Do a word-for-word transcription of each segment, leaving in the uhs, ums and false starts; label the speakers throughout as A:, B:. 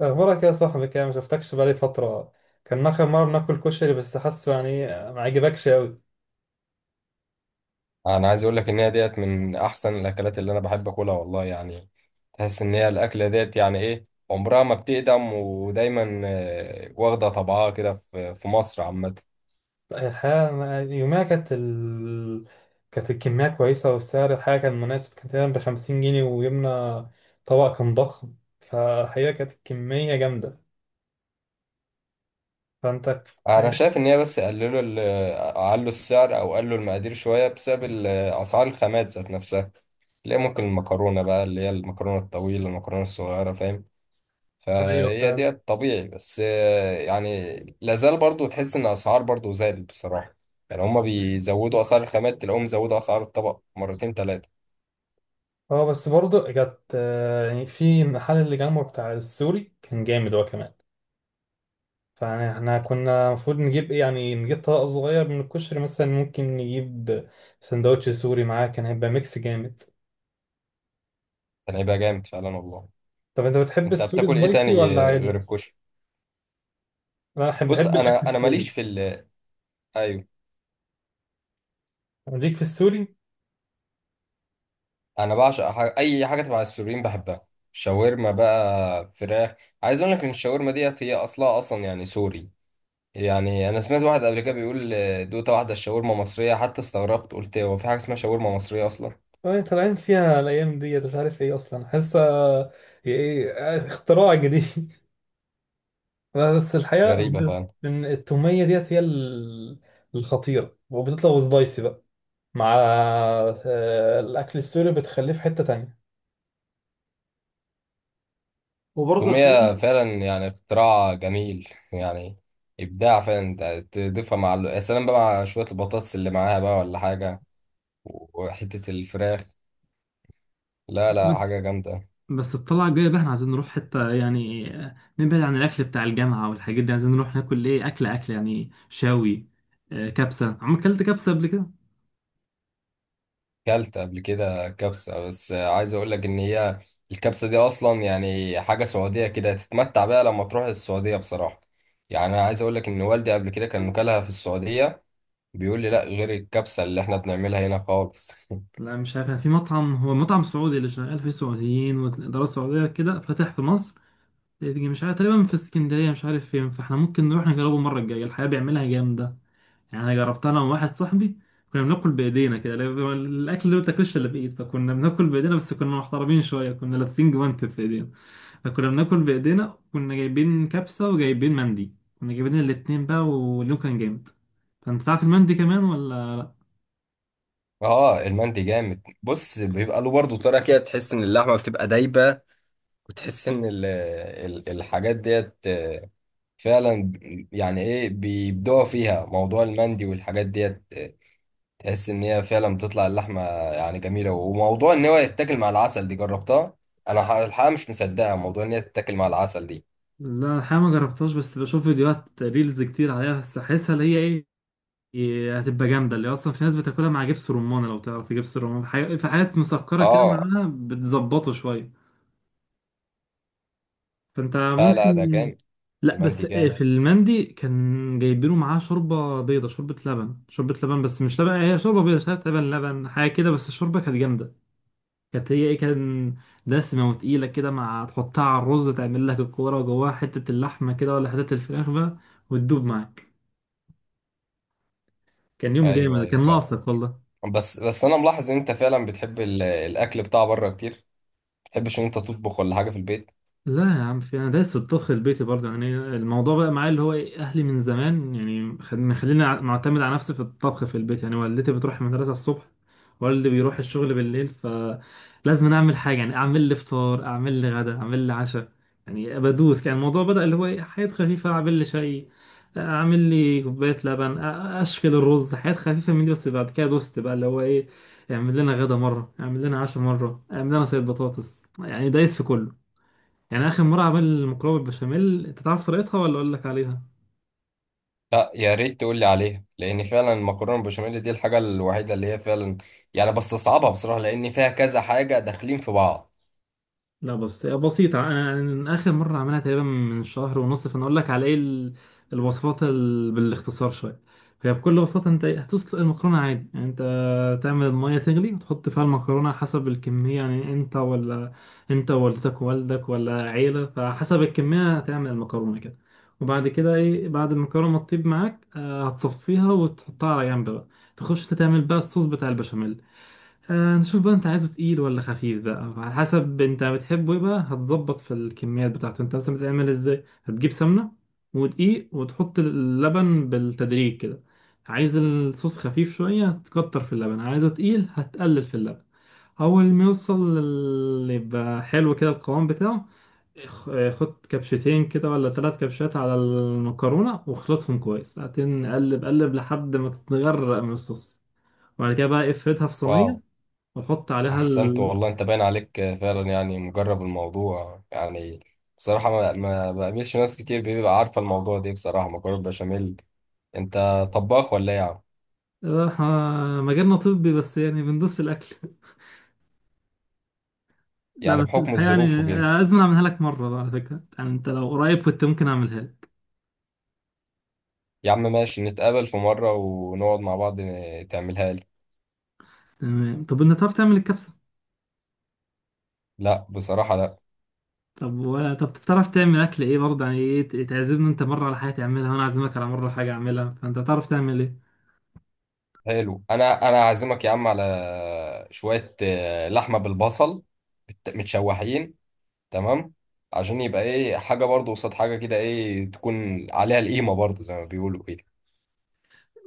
A: اخبارك يا صاحبي كده؟ ما شفتكش بقالي فتره. كان اخر مره بناكل كشري، بس حاسه يعني ما عجبكش قوي.
B: انا عايز اقول لك ان هي ديت من احسن الاكلات اللي انا بحب اكلها والله يعني. تحس ان هي الاكله ديت يعني ايه عمرها ما بتقدم ودايما آه، واخده طبعها كده في في مصر عامه.
A: الحقيقه، يوميها كانت ال... كانت الكميه كويسه، والسعر الحاجه كان مناسب، كان تقريبا ب خمسين جنيه، وجبنا طبق كان ضخم. فالحقيقه كانت الكميه جامده. فانت
B: انا شايف ان هي بس قللوا ال- قللوا السعر او قللوا المقادير شويه بسبب ال- اسعار الخامات ذات نفسها. تلاقي ممكن المكرونه بقى اللي هي المكرونه الطويله المكرونه الصغيره فاهم.
A: ايوه
B: فهي
A: فعلا.
B: دي طبيعي، بس آه، يعني لازال برضو تحس ان اسعار برضو زادت بصراحة. يعني هما بيزودوا اسعار الخامات تلاقوهم زودوا اسعار الطبق مرتين ثلاثة.
A: اه، بس برضه جت، آه، يعني في المحل اللي جنبه بتاع السوري كان جامد هو كمان. فاحنا كنا المفروض نجيب ايه، يعني نجيب طبق صغير من الكشري، مثلا ممكن نجيب سندوتش سوري معاه، كان هيبقى ميكس جامد.
B: كان هيبقى جامد فعلا والله.
A: طب انت بتحب
B: انت
A: السوري
B: بتاكل ايه تاني
A: سبايسي ولا
B: غير
A: عادي؟
B: الكشري؟
A: انا بحب
B: بص،
A: بحب الاكل
B: انا انا ماليش
A: السوري.
B: في ال، ايوه.
A: ليك في السوري؟
B: انا بعشق ح- اي حاجة تبع السوريين بحبها. شاورما بقى، فراخ. عايز اقول لك ان الشاورما ديت هي اصلها اصلا يعني سوري. يعني انا سمعت واحد قبل كده بيقول آه، دوقت واحدة الشاورما مصرية، حتى استغربت قلت هو في حاجة اسمها شاورما مصرية اصلا؟
A: اه طالعين فيها الايام ديت، مش عارف ايه اصلا، حاسه ايه، اختراع جديد بس الحقيقه
B: غريبة
A: بالنسبه
B: فعلا.
A: إن التوميه ديت هي ال- الخطيره، وبتطلع سبايسي بقى مع، آه، الاكل السوري بتخليه في حته تانية. وبرضه
B: التومية
A: الحقيقة،
B: فعلا يعني اختراع جميل، يعني إبداع فعلا. أنت تضيفها مع ال- يا سلام بقى، مع شوية البطاطس اللي معاها بقى ولا حاجة، وحتة الفراخ. لا لا،
A: بس
B: حاجة جامدة.
A: بس الطلعة الجاية بقى احنا عايزين نروح حتة، يعني آه، نبعد عن الأكل بتاع الجامعة والحاجات دي، عايزين نروح ناكل إيه، أكل أكل يعني شاوي. آه، كبسة، عم أكلت كبسة قبل كده؟
B: كلت قبل كده كبسة، بس عايز أقول لك إن هي الكبسة دي أصلا يعني حاجة سعودية كده، تتمتع بيها لما تروح السعودية بصراحة. يعني أنا عايز أقول لك إن والدي قبل كده كان مكلها في السعودية، بيقول لي لا، غير الكبسة اللي إحنا بنعملها هنا خالص.
A: لا مش عارف، كان في مطعم، هو مطعم سعودي اللي شغال فيه سعوديين والإدارة السعودية، كده فاتح في مصر، تيجي مش عارف، تقريبا في اسكندرية، مش عارف فين. فاحنا ممكن نروح نجربه المرة الجاية، الحقيقة بيعملها جامدة. يعني أنا جربتها أنا وواحد صاحبي، كنا بناكل بإيدينا كده، لا- الأكل اللي ما بتاكلش إلا بإيد، فكنا بناكل بإيدينا، بس كنا محترمين شوية، كنا لابسين جوانتي في إيدينا. فكنا بناكل بايدينا، كنا جايبين كبسه وجايبين مندي، كنا جايبين الاتنين بقى، واليوم كان جامد. فانت تعرف المندي كمان ولا؟
B: اه المندي جامد. بص، بيبقى له برضه طريقه كده، تحس ان اللحمه بتبقى دايبه، وتحس ان ال ال الحاجات ديت آه، فعلا ب- يعني ايه، بيبدعوا فيها موضوع المندي والحاجات ديت آه، تحس ان هي فعلا بتطلع اللحمه يعني جميله. وموضوع ان هو يتاكل مع العسل دي جربتها انا، ح- الحقيقه مش مصدقها موضوع ان هي تتاكل مع العسل دي.
A: لا الحقيقه ما جربتهاش، بس بشوف فيديوهات ريلز كتير عليها، بس احسها اللي هي ايه، إيه، هتبقى جامده. اللي اصلا في ناس بتاكلها مع جبس رمان، لو تعرف جبس الرمان، في حاجات في حاجات مسكره كده
B: اه.
A: معاها بتظبطه شويه. فانت
B: لا لا، ده
A: ممكن.
B: جامد.
A: لا بس
B: المندي
A: إيه،
B: جامد.
A: في المندي كان جايبينه معاه شوربه بيضه، شوربه لبن شوربه لبن، بس مش لبن، هي شوربه بيضه، مش عارف، لبن لبن حاجه كده، بس الشوربه كانت جامده. كانت هي ايه، كان دسمة وتقيلة كده، مع تحطها على الرز تعمل لك الكورة، وجواها حتة اللحمة كده ولا حتة الفراخ بقى، وتدوب معاك. كان يوم
B: ايوه
A: جامد،
B: ايوه
A: كان
B: فعلا.
A: ناقصك والله.
B: بس بس انا ملاحظ ان انت فعلا بتحب ال- الاكل بتاع بره كتير. تحبش ان انت تطبخ ولا حاجه في البيت؟
A: لا يا عم، في انا دايس في الطبخ البيتي برضه، يعني الموضوع بقى معايا اللي هو ايه، اهلي من زمان يعني خد- مخليني ع- معتمد على نفسي في الطبخ في البيت، يعني والدتي بتروح المدرسه الصبح، والدي بيروح الشغل بالليل، فلازم اعمل حاجه، يعني اعمل لي فطار، اعمل لي غدا، اعمل لي عشاء. يعني بدوس، كان الموضوع بدأ اللي هو ايه، حاجات خفيفه، اعمل لي شاي، اعمل لي كوبايه لبن، أ- اشكل الرز، حاجات خفيفه من دي، بس بعد كده دوست بقى اللي هو ايه، اعمل لنا غدا مره، اعمل لنا عشاء مره، اعمل لنا صيد بطاطس، يعني دايس في كله. يعني اخر مره عمل مكرونه بالبشاميل، انت تعرف طريقتها ولا اقول لك عليها؟
B: لا يا ريت تقول لي عليها، لان فعلا المكرونه البشاميل دي الحاجه الوحيده اللي هي فعلا يعني بستصعبها بصراحه، لان فيها كذا حاجه داخلين في بعض.
A: لا بس بسيطه، انا أنا اخر مره عملها تقريبا من شهر ونص، فانا اقول لك على ايه ال- الوصفات ال... بالاختصار شويه. هي بكل بساطه، انت إيه، هتسلق المكرونه عادي، يعني انت تعمل الميه تغلي وتحط فيها المكرونه حسب الكميه، يعني انت ولا انت ووالدتك ووالدك ولا عيله، فحسب الكميه هتعمل المكرونه كده. وبعد كده ايه، بعد المكرونه ما تطيب معاك، آه، هتصفيها وتحطها على جنب بقى، تخش انت تعمل بقى الصوص بتاع البشاميل. آه، نشوف بقى انت عايزه تقيل ولا خفيف بقى، على حسب انت بتحبه ايه بقى، هتظبط في الكميات بتاعته. انت مثلا بتعمل ازاي؟ هتجيب سمنة ودقيق، وتحط اللبن بالتدريج كده. عايز الصوص خفيف شوية هتكتر في اللبن، عايزه تقيل هتقلل في اللبن. اول ما يوصل لل- يبقى حلو كده القوام بتاعه، خ- خد كبشتين كده ولا ثلاث كبشات على المكرونة، واخلطهم كويس ساعتين، قلب قلب لحد ما تتغرق من الصوص. وبعد كده بقى افردها في
B: واو.
A: صينية، واحط عليها
B: احسنت
A: ال
B: والله، انت باين عليك فعلا يعني مجرب الموضوع يعني. بصراحه ما, ما بقابلش ناس كتير بيبقى عارفه الموضوع ده بصراحه، مكرونه البشاميل. انت طباخ ولا ايه يا عم؟
A: آه، إحنا مجالنا طبي، بس يعني بندوس في الاكل لا
B: يعني
A: بس
B: بحكم
A: الحقيقه
B: الظروف
A: يعني
B: وكده.
A: لازم اعملها لك مره بقى على فكره، يعني انت لو قريب كنت ممكن اعملها لك.
B: يا عم ماشي، نتقابل في مره ونقعد مع بعض ن- تعملها لي.
A: تمام؟ طب انت بتعرف تعمل الكبسه؟
B: لا بصراحه لا.
A: طب و... طب بتعرف تعمل اكل ايه برضه، يعني ايه ت- تعزمني انت مره على حاجه تعملها، وانا اعزمك على مره حاجه اعملها، فانت تعرف تعمل ايه؟
B: حلو، انا انا عازمك يا عم على شويه آه، لحمه بالبصل، بت- متشوحين. تمام. عشان يبقى ايه، حاجه برضو قصاد حاجه كده، ايه، تكون عليها القيمه برضو زي ما بيقولوا كده.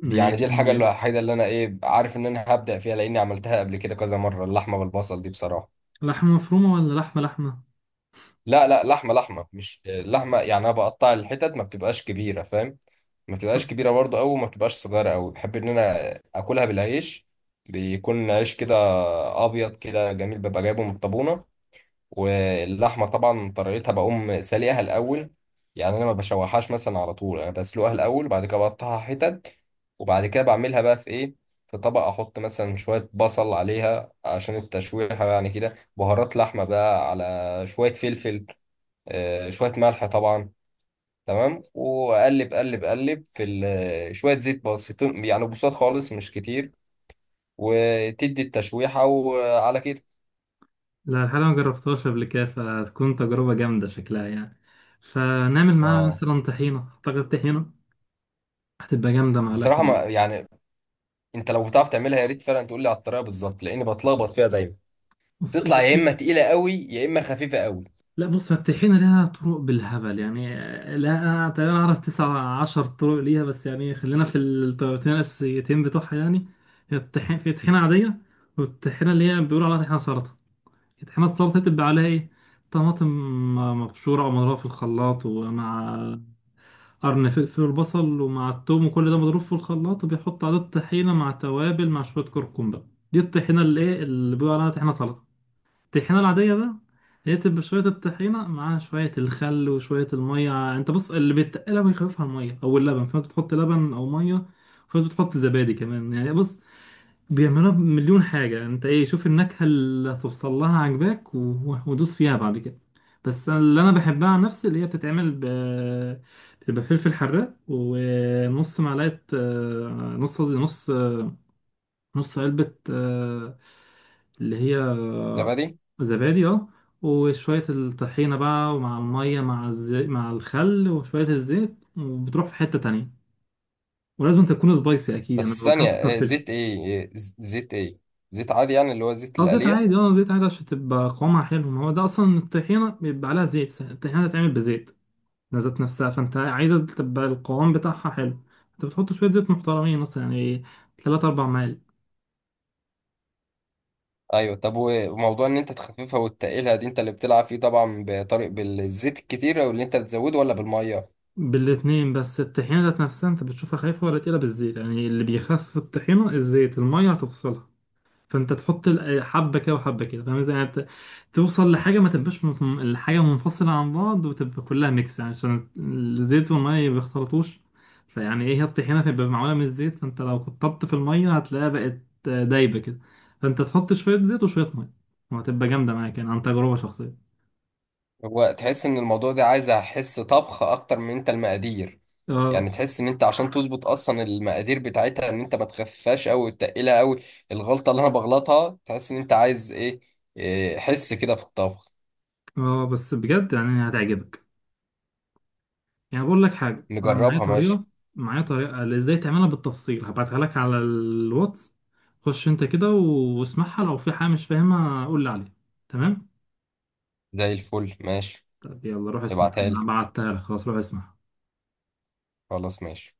B: دي يعني
A: ماشي
B: دي الحاجه
A: يعني.
B: الوحيده اللي انا ايه عارف ان انا هبدع فيها، لاني عملتها قبل كده كذا مره، اللحمه بالبصل دي بصراحه.
A: لحمه مفرومه ولا لحمه لحمه؟
B: لا لا، لحمه لحمه، مش آه، لحمه يعني، انا بقطع الحتت ما بتبقاش كبيره، فاهم. ما تبقاش
A: طب.
B: كبيرة برضه أوي وما تبقاش صغيرة أوي، بحب إن أنا أكلها بالعيش. بيكون عيش كده أبيض كده جميل، ببقى جايبه من الطابونة. واللحمة طبعا طريقتها بقوم سلقها الأول، يعني أنا ما بشوحهاش مثلا على طول، أنا بسلقها الأول وبعد كده بقطعها حتت. وبعد كده بعملها بقى في إيه، في طبق، أحط مثلا شوية بصل عليها عشان التشويحة، يعني كده بهارات لحمة بقى، على شوية فلفل، آه، شوية ملح طبعا. تمام، وقلب قلب قلب في ال- شوية زيت بسيطين يعني، بساط خالص مش كتير، وتدي التشويحة وعلى كده.
A: لا الحقيقه ما جربتهاش قبل كده، فتكون تجربه جامده شكلها يعني. فنعمل معاها
B: اه.
A: مثلا طحينه، اعتقد طحينه هتبقى جامدة مع
B: بصراحة
A: الأكل.
B: ما يعني، انت لو بتعرف تعملها يا ريت فعلا تقول لي على الطريقة بالظبط، لاني بتلخبط فيها دايما.
A: بص هي-
B: تطلع يا اما تقيلة قوي يا اما خفيفة قوي.
A: لا بص، الطحينة لها طرق بالهبل يعني، لا أنا تقريبا أعرف تسعة عشر طرق ليها، بس يعني خلينا في الطريقتين الأساسيتين بتوعها يعني. هي الطحين في طحينة عادية، والطحينة اللي هي بيقولوا عليها طحينة سلطة. الطحينة السلطة تبقى عليها إيه، طماطم مبشورة أو مضروبة في الخلاط، ومع قرن فلفل وبصل ومع التوم، وكل ده مضروب في الخلاط، وبيحط عليه الطحينة مع توابل، مع شوية كركم بقى. دي الطحينة اللي إيه، اللي بيقولوا عليها طحينة سلطة. الطحينة العادية بقى هي تبقى شوية الطحينة مع شوية الخل وشوية المية. انت بص، اللي بيتقلها بيخففها المية او اللبن، فانت بتحط لبن او مية. وفي ناس بتحط زبادي كمان. يعني بص، بيعملوها بمليون حاجة. انت ايه، شوف النكهة اللي هتوصل لها عجباك و- و- ودوس فيها بعد كده. بس أنا- اللي انا بحبها عن نفسي اللي هي بتتعمل ب بتبقى فلفل حراق، ونص معلقة، آه، نص قصدي، نص نص علبة، آه، اللي هي
B: زبادي.
A: زبادي، اه. وشوية الطحينة بقى، ومع المية، مع الز... مع الخل وشوية الزيت، وبتروح في حتة تانية. ولازم تكون سبايسي أكيد، أنا
B: بس ثانية،
A: بكتر
B: آه،
A: فلفل.
B: زيت ايه، آه، ز- زيت ايه؟ زيت عادي يعني اللي هو زيت
A: اه زيت
B: القلية؟
A: عادي، اه زيت عادي، عشان تبقى قوامها حلو. ما هو ده أصلا الطحينة بيبقى عليها زيت، الطحينة هتتعمل بزيت ذات نفسها، فأنت عايزة تبقى القوام بتاعها حلو، أنت بتحط شوية زيت محترمين، مثلا يعني تلات أربع معالق.
B: ايوه. طب وموضوع ان انت تخففها وتقيلها دي انت اللي بتلعب فيه طبعا، بطريق بالزيت الكتير واللي انت بتزوده، ولا بالمية؟
A: بالاتنين، بس الطحينة ذات نفسها انت بتشوفها خايفة ولا تقيلة بالزيت، يعني اللي بيخفف الطحينة الزيت، المية هتفصلها. فانت تحط ال- حبة كده وحبة كده، فاهم ازاي يعني، ت- توصل لحاجة ما تبقاش من- الحاجة منفصلة عن بعض، وتبقى كلها ميكس، يعني عشان الزيت والمية ما بيختلطوش. فيعني ايه، هي الطحينة تبقى معمولة من الزيت، فانت لو كترت في المية هتلاقيها بقت دايبة كده. فانت تحط شوية زيت وشوية مية، وهتبقى جامدة معاك، يعني عن تجربة شخصية.
B: هو تحس ان الموضوع ده عايز حس طبخ اكتر من انت المقادير. يعني
A: اه.
B: تحس ان انت عشان تظبط اصلا المقادير بتاعتها، ان انت ما تخفاش قوي وتقلها قوي. الغلطه اللي انا بغلطها تحس ان انت عايز ايه، إيه، حس كده في الطبخ.
A: اه بس بجد يعني هتعجبك، يعني بقول لك حاجة، أنا معايا
B: نجربها،
A: طريقة،
B: ماشي.
A: معايا طريقة اللي إزاي تعملها بالتفصيل، هبعتها لك على الواتس، خش أنت كده و- واسمعها، لو في حاجة مش فاهمها قول لي عليها. تمام؟
B: زي الفل، ماشي.
A: طب يلا روح اسمع،
B: ابعتها لي،
A: أنا بعتها لك خلاص، روح اسمع.
B: خلاص ماشي.